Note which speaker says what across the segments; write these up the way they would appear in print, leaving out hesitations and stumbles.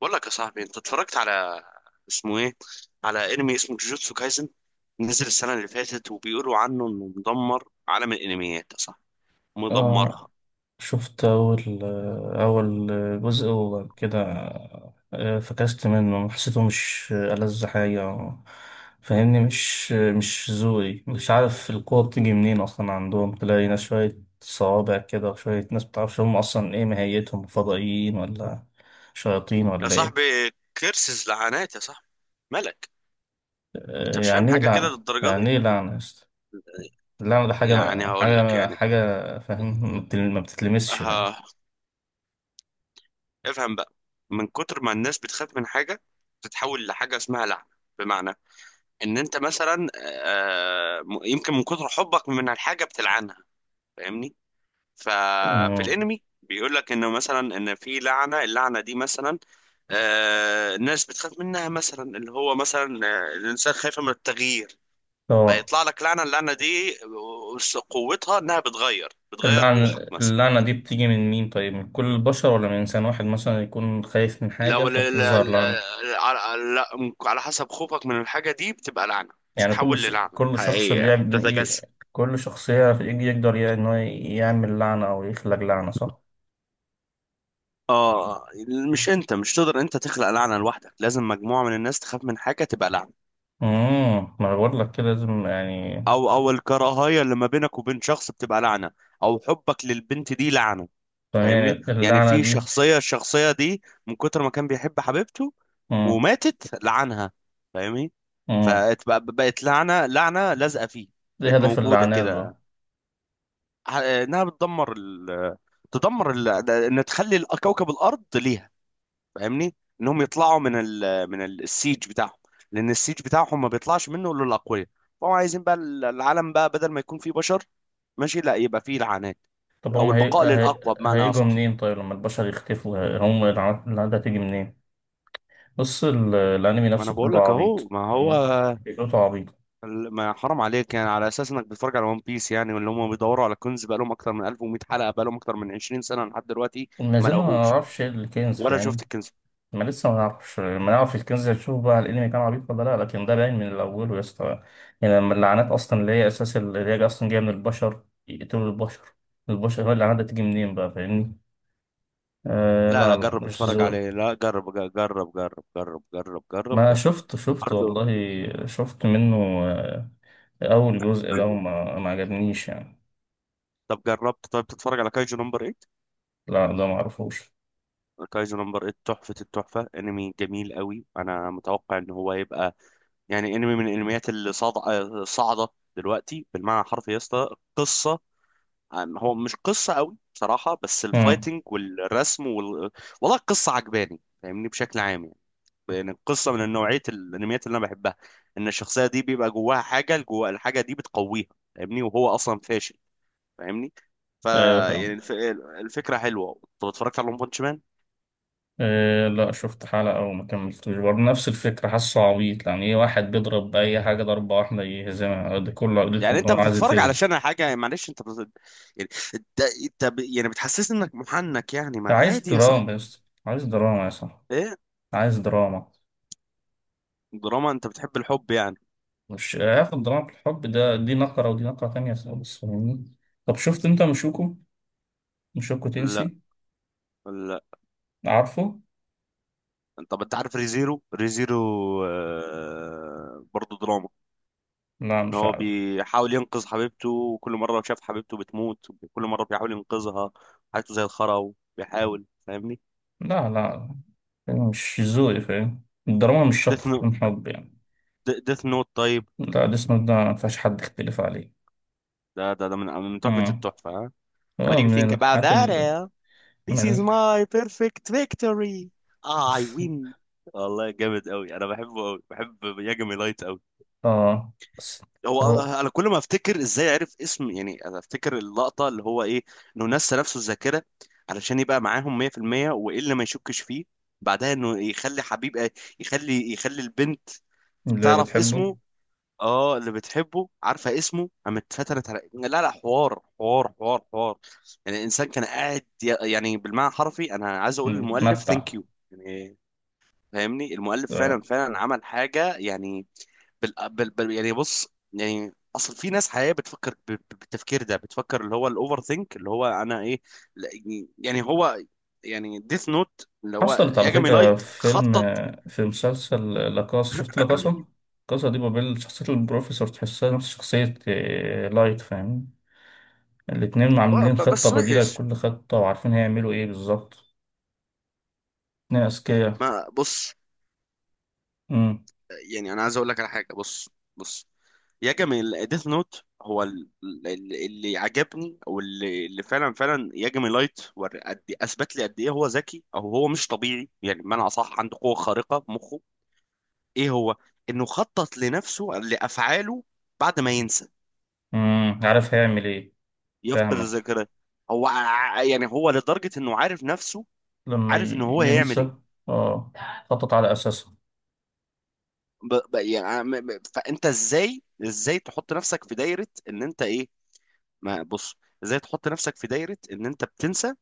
Speaker 1: بقول لك يا صاحبي، انت اتفرجت على، اسمه ايه، على انمي اسمه جوجوتسو كايزن؟ نزل السنه اللي فاتت وبيقولوا عنه انه مدمر عالم الانميات يا صاحبي، مدمرها.
Speaker 2: آه، شفت أول جزء وكده. فكست منه، حسيته مش ألذ حاجة. فاهمني، مش ذوقي، مش عارف القوة بتيجي منين أصلا عندهم. تلاقي ناس شوية صوابع كده وشوية ناس متعرفش هم أصلا إيه ماهيتهم، فضائيين ولا شياطين
Speaker 1: يا
Speaker 2: ولا
Speaker 1: صاحبي
Speaker 2: إيه.
Speaker 1: كيرسز، لعنات يا صاحبي، ملك. انت مش فاهم
Speaker 2: يعني إيه
Speaker 1: حاجه كده
Speaker 2: لعنة؟
Speaker 1: للدرجه
Speaker 2: يعني
Speaker 1: دي؟
Speaker 2: إيه لعنة يا اسطى؟ اللعنة ده حاجة
Speaker 1: يعني هقول لك
Speaker 2: حاجة
Speaker 1: يعني.
Speaker 2: حاجة فاهم، ما بتتلمسش يعني.
Speaker 1: اه، افهم بقى. من كتر ما الناس بتخاف من حاجه تتحول لحاجه اسمها لعنه. بمعنى ان انت مثلا يمكن من كتر حبك من الحاجه بتلعنها، فاهمني. ففي
Speaker 2: مم.
Speaker 1: الانمي بيقول لك انه مثلا ان في لعنه، اللعنه دي مثلا آه الناس بتخاف منها، مثلا اللي هو مثلا الانسان خايف من التغيير،
Speaker 2: طبعا.
Speaker 1: فيطلع لك لعنه. اللعنه دي قوتها انها بتغير
Speaker 2: اللعنة
Speaker 1: روحك مثلا.
Speaker 2: اللعنة دي بتيجي من مين؟ طيب، من كل البشر ولا من إنسان واحد مثلا يكون خايف من حاجة
Speaker 1: لو لا لا
Speaker 2: فتظهر لعنة؟
Speaker 1: لا على، على حسب خوفك من الحاجه دي بتبقى لعنه،
Speaker 2: يعني
Speaker 1: تتحول للعنه
Speaker 2: كل شخص
Speaker 1: حقيقيه
Speaker 2: بيعمل إيه؟
Speaker 1: تتجسد.
Speaker 2: كل شخص يقدر يعني إن هو يعمل لعنة أو يخلق لعنة، صح؟
Speaker 1: اه، مش تقدر انت تخلق لعنه لوحدك، لازم مجموعه من الناس تخاف من حاجه تبقى لعنه.
Speaker 2: ما أنا بقول لك كده، لازم يعني.
Speaker 1: او الكراهيه اللي ما بينك وبين شخص بتبقى لعنه، او حبك للبنت دي لعنه. فاهمني،
Speaker 2: تمام
Speaker 1: يعني
Speaker 2: اللعنة
Speaker 1: في
Speaker 2: دي.
Speaker 1: شخصيه، الشخصيه دي من كتر ما كان بيحب حبيبته
Speaker 2: امم
Speaker 1: وماتت لعنها، فاهمني،
Speaker 2: امم
Speaker 1: فبقت لعنه، لازقه فيه،
Speaker 2: إيه
Speaker 1: بقت
Speaker 2: هدف
Speaker 1: موجوده
Speaker 2: اللعنات
Speaker 1: كده.
Speaker 2: بقى؟
Speaker 1: انها بتدمر ال... تدمر ال... ان تخلي كوكب الارض ليها، فاهمني. انهم يطلعوا من السيج بتاعهم، لان السيج بتاعهم ما بيطلعش منه الا الاقوياء. فهم عايزين بقى العالم بقى بدل ما يكون فيه بشر، ماشي، لا يبقى فيه لعنات،
Speaker 2: طب
Speaker 1: او
Speaker 2: هم
Speaker 1: البقاء للاقوى بمعنى
Speaker 2: هيجوا
Speaker 1: اصح.
Speaker 2: منين؟ طيب لما البشر يختفوا، هم اللعنة دي هتيجي منين؟ بص الأنمي
Speaker 1: ما انا
Speaker 2: نفسه
Speaker 1: بقول
Speaker 2: كله
Speaker 1: لك اهو.
Speaker 2: عبيط
Speaker 1: ما هو
Speaker 2: يعني، فكرته عبيطة.
Speaker 1: ال- ما حرام عليك يعني، على اساس انك بتتفرج على ون بيس يعني، واللي هم بيدوروا على كنز بقى لهم اكتر من 1100 حلقه، بقى لهم اكتر من 20 سنه لحد دلوقتي
Speaker 2: ما
Speaker 1: ما
Speaker 2: زلنا ما
Speaker 1: لقوهوش،
Speaker 2: نعرفش ايه الكنز،
Speaker 1: ولا شفت
Speaker 2: فاهم.
Speaker 1: الكنز.
Speaker 2: ما لسه ما نعرفش، ما نعرف الكنز، نشوف بقى الانمي كان عبيط ولا لا، لكن ده باين من الاول يا اسطى. يعني لما اللعنات اصلا اللي هي اساس، اللي هي اصلا جايه من البشر، يقتلوا البشر، البشر هو اللعنات دي تيجي منين بقى، فاهمني. آه،
Speaker 1: لا لا،
Speaker 2: لا لا،
Speaker 1: جرب
Speaker 2: مش
Speaker 1: اتفرج
Speaker 2: زون.
Speaker 1: عليه. لا جرب جرب جرب جرب جرب جرب جرب
Speaker 2: ما
Speaker 1: جرب
Speaker 2: شفت
Speaker 1: برضه.
Speaker 2: والله، شفت منه آه اول جزء ده، وما ما عجبنيش يعني.
Speaker 1: طب جربت طيب تتفرج على كايجو نمبر 8؟
Speaker 2: لا ده ما اعرفوش.
Speaker 1: كايجو نمبر 8 تحفة التحفة، انمي جميل قوي، انا متوقع ان هو يبقى، يعني انمي من الانميات اللي صاعدة دلوقتي بالمعنى الحرفي يا اسطى. قصة، هو مش قصة قوي بصراحة، بس
Speaker 2: امم
Speaker 1: الفايتنج والرسم وال... والله القصة عجباني فاهمني بشكل عام يعني، لان القصة من نوعية الانميات اللي انا بحبها، ان الشخصية دي بيبقى جواها حاجة، جوا الحاجة دي بتقويها، فاهمني، وهو اصلا فاشل، فاهمني. فا،
Speaker 2: ايوه
Speaker 1: يعني
Speaker 2: فاهم.
Speaker 1: الفكره حلوه. انت اتفرجت على ون بانش مان؟
Speaker 2: إيه؟ لا، شفت حلقة أو ما كملتوش برضه، نفس الفكرة، حاسه عبيط يعني. إيه؟ واحد بيضرب بأي حاجة ضربة واحدة يهزمها، ده كل عقدته
Speaker 1: يعني
Speaker 2: إن
Speaker 1: انت
Speaker 2: هو عايز
Speaker 1: بتتفرج
Speaker 2: يتهزم.
Speaker 1: علشان حاجه، معلش انت بت... يعني انت ب... يعني بتحسسني انك محنك يعني، ما
Speaker 2: عايز
Speaker 1: عادي يا
Speaker 2: دراما
Speaker 1: صاحبي.
Speaker 2: يا اسطى، عايز دراما يا اسطى،
Speaker 1: ايه؟
Speaker 2: عايز دراما.
Speaker 1: دراما، انت بتحب الحب يعني.
Speaker 2: مش هياخد دراما في الحب ده، دي نقرة ودي نقرة تانية خالص، فاهمني. طب شفت أنت مشوكو؟ مشوكو
Speaker 1: لا
Speaker 2: تنسي،
Speaker 1: لا.
Speaker 2: عارفه؟
Speaker 1: طب انت عارف ريزيرو؟ آه... برضه دراما،
Speaker 2: لا
Speaker 1: ان
Speaker 2: مش
Speaker 1: هو
Speaker 2: عارف.
Speaker 1: بيحاول ينقذ حبيبته وكل مره شاف حبيبته بتموت وكل مره بيحاول ينقذها، حياته زي الخرا وبيحاول، فاهمني.
Speaker 2: لا لا، مش ذوقي، فاهم الدراما مش شرط
Speaker 1: ديث نوت.
Speaker 2: تكون حب يعني.
Speaker 1: طيب
Speaker 2: لا ده اسمه ده ما فيهاش حد يختلف عليه.
Speaker 1: ده من، من تحفة
Speaker 2: مم.
Speaker 1: التحفة، ها. What
Speaker 2: هو
Speaker 1: do you think
Speaker 2: من
Speaker 1: about
Speaker 2: الحاجات.
Speaker 1: that Al? This is
Speaker 2: ملح.
Speaker 1: my perfect victory. I win. والله جامد قوي، انا بحبه قوي، بحب ياجامي لايت قوي.
Speaker 2: اه بس.
Speaker 1: هو
Speaker 2: هو
Speaker 1: انا كل ما افتكر ازاي عرف اسم يعني، انا افتكر اللقطة اللي هو ايه، انه نسى نفسه الذاكرة علشان يبقى معاهم 100%، وايه اللي ما يشكش فيه بعدها، انه يخلي حبيب، يخلي البنت
Speaker 2: اللي
Speaker 1: تعرف
Speaker 2: بتحبه.
Speaker 1: اسمه. اه اللي بتحبه عارفه اسمه، قامت اتفتلت على، لا لا، حوار حوار. يعني الانسان كان قاعد يعني بالمعنى الحرفي، انا عايز اقول للمؤلف
Speaker 2: بتمتع.
Speaker 1: ثانك يو يعني، فاهمني، المؤلف فعلا
Speaker 2: آه.
Speaker 1: فعلا عمل حاجه يعني. يعني بص، يعني اصل في ناس حقيقيه بتفكر بالتفكير ده، بتفكر اللي هو الاوفر ثينك، اللي هو انا ايه، لا، يعني هو، يعني ديث نوت اللي هو
Speaker 2: حصلت على
Speaker 1: ياجامي
Speaker 2: فكرة
Speaker 1: لايت
Speaker 2: في فيلم،
Speaker 1: خطط.
Speaker 2: في مسلسل لاكاسا. شفت لاكاسا؟ لاكاسا دي بابيل، شخصية البروفيسور تحسها نفس شخصية لايت، فاهم. الاتنين عاملين خطة
Speaker 1: بس
Speaker 2: بديلة
Speaker 1: وحش.
Speaker 2: لكل خطة وعارفين هيعملوا ايه بالظبط. اتنين أذكياء.
Speaker 1: ما بص،
Speaker 2: أمم،
Speaker 1: يعني انا عايز اقول لك على حاجه. بص بص يا جميل، ديث نوت هو اللي عجبني، او اللي فعلا فعلا يجمي لايت قد إيه، اثبت لي قد ايه هو ذكي، او هو مش طبيعي يعني بمعنى اصح، عنده قوه خارقه في مخه. ايه هو، انه خطط لنفسه لافعاله بعد ما ينسى،
Speaker 2: أمم، عارف هيعمل ايه.
Speaker 1: يفقد
Speaker 2: فاهمك.
Speaker 1: الذاكره. يعني هو لدرجه انه عارف نفسه،
Speaker 2: لما
Speaker 1: عارف ان هو هيعمل ايه.
Speaker 2: ينسى. اه، خطط على أساسها.
Speaker 1: يعني فانت ازاي تحط نفسك في دايره ان انت ايه. ما بص، ازاي تحط نفسك في دايره ان انت بتنسى،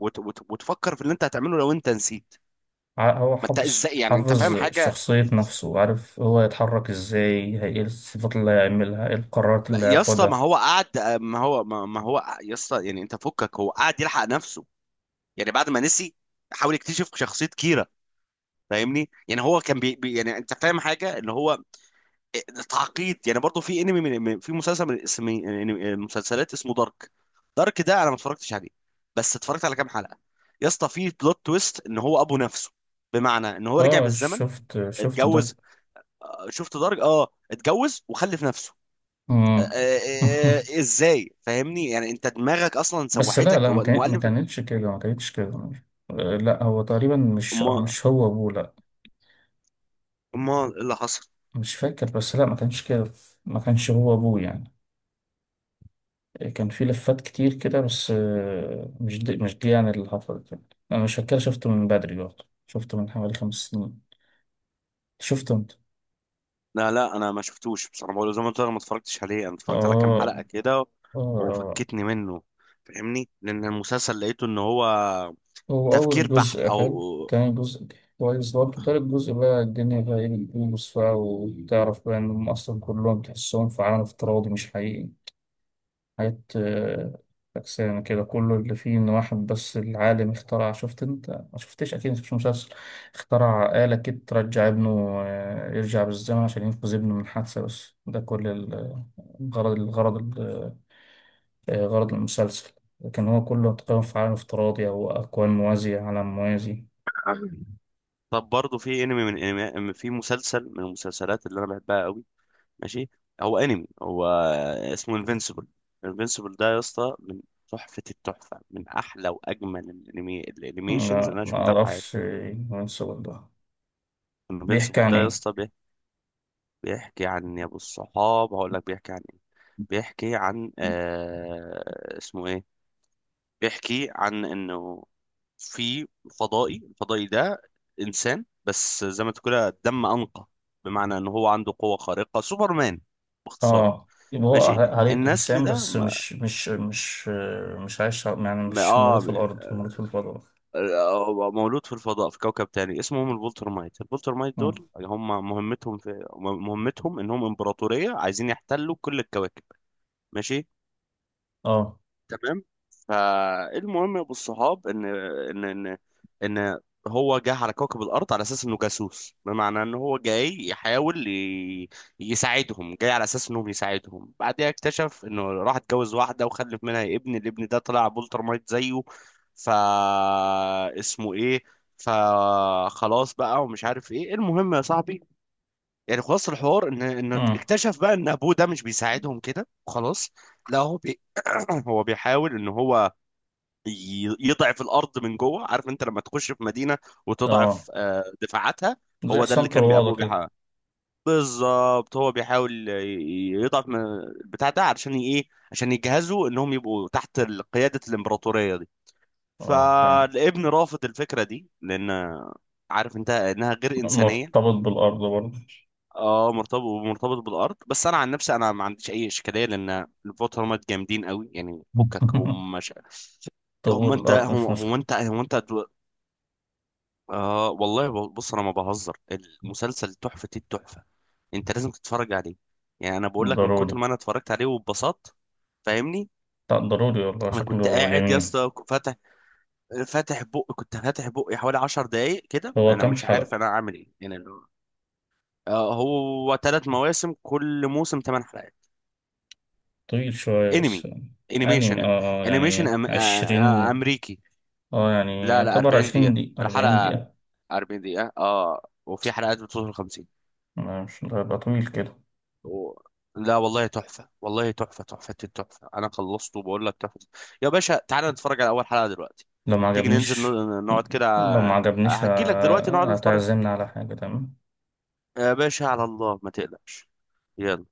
Speaker 1: وتفكر في اللي انت هتعمله لو انت نسيت.
Speaker 2: هو
Speaker 1: ما انت
Speaker 2: حافظ
Speaker 1: ازاي يعني، انت فاهم
Speaker 2: حافظ
Speaker 1: حاجه
Speaker 2: شخصية نفسه، عارف هو يتحرك ازاي، ايه الصفات اللي هيعملها، ايه القرارات اللي
Speaker 1: يا اسطى. ما
Speaker 2: هياخدها.
Speaker 1: هو قعد، ما هو يا اسطى، يعني انت فكك، هو قعد يلحق نفسه يعني، بعد ما نسي حاول يكتشف شخصيه كيرا، فاهمني. يعني هو كان يعني انت فاهم حاجه اللي هو تعقيد يعني. برضو في انمي في مسلسل من اسم من مسلسلات اسمه دارك. دارك ده انا ما اتفرجتش عليه، بس اتفرجت على كام حلقة، يا اسطى في بلوت تويست ان هو ابو نفسه. بمعنى ان هو رجع
Speaker 2: اه
Speaker 1: بالزمن
Speaker 2: شفت ده.
Speaker 1: اتجوز. شفت دارك؟ اه اتجوز وخلف نفسه.
Speaker 2: مم.
Speaker 1: ازاي، فاهمني يعني انت دماغك اصلا
Speaker 2: بس لا
Speaker 1: سوحتك
Speaker 2: لا،
Speaker 1: هو
Speaker 2: ما
Speaker 1: المؤلف.
Speaker 2: كانتش كده، ما كانتش كده. آه، لا هو تقريبا مش
Speaker 1: ما
Speaker 2: مش هو ابوه، لا.
Speaker 1: ما إيه اللي حصل؟
Speaker 2: مش فاكر بس، لا ما كانش كده، ما كانش هو ابوه يعني. كان في لفات كتير كده بس، مش دي مش دي يعني اللي حصلت يعني. انا مش فاكر، شفته من بدري برضه، شفته من حوالي 5 سنين شفته.
Speaker 1: لا لا، انا ما شفتوش بصراحه، بقول زي ما قلت لك ما اتفرجتش عليه، انا اتفرجت على كام
Speaker 2: آه
Speaker 1: حلقه كده،
Speaker 2: آه آه.
Speaker 1: وفكتني منه فاهمني، لان المسلسل لقيته ان هو
Speaker 2: هو أول
Speaker 1: تفكير بحت
Speaker 2: جزء
Speaker 1: او.
Speaker 2: حلو، تاني جزء كويس برضه، تالت جزء بقى الدنيا بقى إيه بتبوظ بقى، وتعرف بقى إنهم أصلا كلهم تحسهم في عالم افتراضي مش حقيقي. حاجات فكسانة كده. كله اللي فيه إن واحد بس العالم اخترع، شفت أنت؟ ما شفتش أكيد مش مسلسل. اخترع آلة كده ترجع ابنه، يرجع بالزمن عشان ينقذ ابنه من حادثة، بس ده كل الغرض، غرض المسلسل. لكن هو كله تقريبا في عالم افتراضي أو أكوان موازية، عالم موازي.
Speaker 1: طب برضه في انمي من انمي في مسلسل من المسلسلات اللي انا بحبها قوي، ماشي، هو اسمه انفينسيبل. انفينسيبل ده يا اسطى من تحفة التحفة، من احلى واجمل الانمي الانيميشنز اللي
Speaker 2: لا
Speaker 1: انا
Speaker 2: ما
Speaker 1: شفتها في
Speaker 2: أعرفش.
Speaker 1: حياتي.
Speaker 2: المسلسل ده بيحكي
Speaker 1: انفينسيبل
Speaker 2: عن
Speaker 1: ده يا
Speaker 2: إيه؟
Speaker 1: اسطى بيحكي عن، يا ابو الصحاب هقول لك بيحكي عن ايه. بيحكي عن، آه اسمه ايه، بيحكي عن انه في فضائي. الفضائي ده انسان بس زي ما تقول كده دم انقى، بمعنى ان هو عنده قوة خارقة، سوبرمان باختصار.
Speaker 2: آه، يبقى هو
Speaker 1: ماشي،
Speaker 2: عليه
Speaker 1: النسل
Speaker 2: إنسان
Speaker 1: ده
Speaker 2: بس مش عايش على، يعني
Speaker 1: ما-
Speaker 2: مش مولود
Speaker 1: اه
Speaker 2: في الأرض، مولود في الفضاء.
Speaker 1: مولود في الفضاء في كوكب تاني اسمهم البولترمايت. البولترمايت دول
Speaker 2: آه
Speaker 1: هم مهمتهم مهمتهم انهم امبراطورية عايزين يحتلوا كل الكواكب، ماشي،
Speaker 2: آه
Speaker 1: تمام. فالمهم يا ابو الصحاب ان ان ان ان هو جه على كوكب الارض على اساس انه جاسوس، بمعنى ان هو جاي يحاول ي... يساعدهم، جاي على اساس انهم يساعدهم، بعدها اكتشف انه راح اتجوز واحده وخلف منها ابن، الابن ده طلع بولترمايت زيه. ف، اسمه ايه، فخلاص بقى ومش عارف ايه، المهم يا صاحبي يعني خلاص الحوار ان
Speaker 2: آه,
Speaker 1: اكتشف بقى ان ابوه ده مش بيساعدهم كده، خلاص. لا هو بي... هو بيحاول ان هو يضعف الارض من جوه. عارف انت لما تخش في مدينه
Speaker 2: آه.
Speaker 1: وتضعف دفاعاتها،
Speaker 2: زي
Speaker 1: هو ده
Speaker 2: حسام
Speaker 1: اللي كان
Speaker 2: طروادة
Speaker 1: ابوه
Speaker 2: كده.
Speaker 1: بيحاول، بالظبط، هو بيحاول يضعف من البتاع ده علشان ايه، عشان يجهزوا انهم يبقوا تحت قياده الامبراطوريه دي.
Speaker 2: آه فاهم،
Speaker 1: فالابن رافض الفكره دي لان، عارف انت انها غير انسانيه.
Speaker 2: مرتبط بالأرض برضه.
Speaker 1: اه مرتبط بالارض، بس انا عن نفسي انا ما عنديش اي اشكاليه لان الفوتومات جامدين قوي يعني، فكك هم مش هم
Speaker 2: طهور
Speaker 1: انت
Speaker 2: الأرض
Speaker 1: هم,
Speaker 2: مش
Speaker 1: هم
Speaker 2: مشكلة.
Speaker 1: انت هم انت دو... آه والله، بص انا ما بهزر، المسلسل تحفه التحفه، انت لازم تتفرج عليه. يعني انا بقول لك من
Speaker 2: ضروري.
Speaker 1: كتر ما انا اتفرجت عليه واتبسطت، فاهمني.
Speaker 2: لا ضروري والله،
Speaker 1: انا كنت
Speaker 2: شكله
Speaker 1: قاعد يا
Speaker 2: جميل.
Speaker 1: اسطى فاتح، بق كنت فاتح بقي حوالي 10 دقايق كده
Speaker 2: هو
Speaker 1: انا
Speaker 2: كام
Speaker 1: مش عارف
Speaker 2: حلقة؟
Speaker 1: انا اعمل ايه يعني آه هو ثلاث مواسم، كل موسم 8 حلقات،
Speaker 2: طويل شوية بس.
Speaker 1: انمي
Speaker 2: أنمي اه،
Speaker 1: انيميشن.
Speaker 2: يعني 20.
Speaker 1: امريكي.
Speaker 2: اه يعني
Speaker 1: لا لا،
Speaker 2: يعتبر
Speaker 1: 40
Speaker 2: عشرين
Speaker 1: دقيقة
Speaker 2: دقيقة أربعين
Speaker 1: الحلقة،
Speaker 2: دقيقة
Speaker 1: 40 دقيقة اه، وفي حلقات بتوصل 50.
Speaker 2: مش هيبقى طويل كده.
Speaker 1: و... لا والله تحفة، والله تحفة، تحفة التحفة، انا خلصته وبقول لك تحفة. يا باشا تعالى نتفرج على اول حلقة دلوقتي،
Speaker 2: لو ما
Speaker 1: تيجي ننزل
Speaker 2: عجبنيش،
Speaker 1: نقعد كده،
Speaker 2: لو ما عجبنيش
Speaker 1: هجيلك دلوقتي نقعد نتفرج.
Speaker 2: هتعزمني على حاجة، تمام.
Speaker 1: يا باشا على الله ما تقلقش، يلا.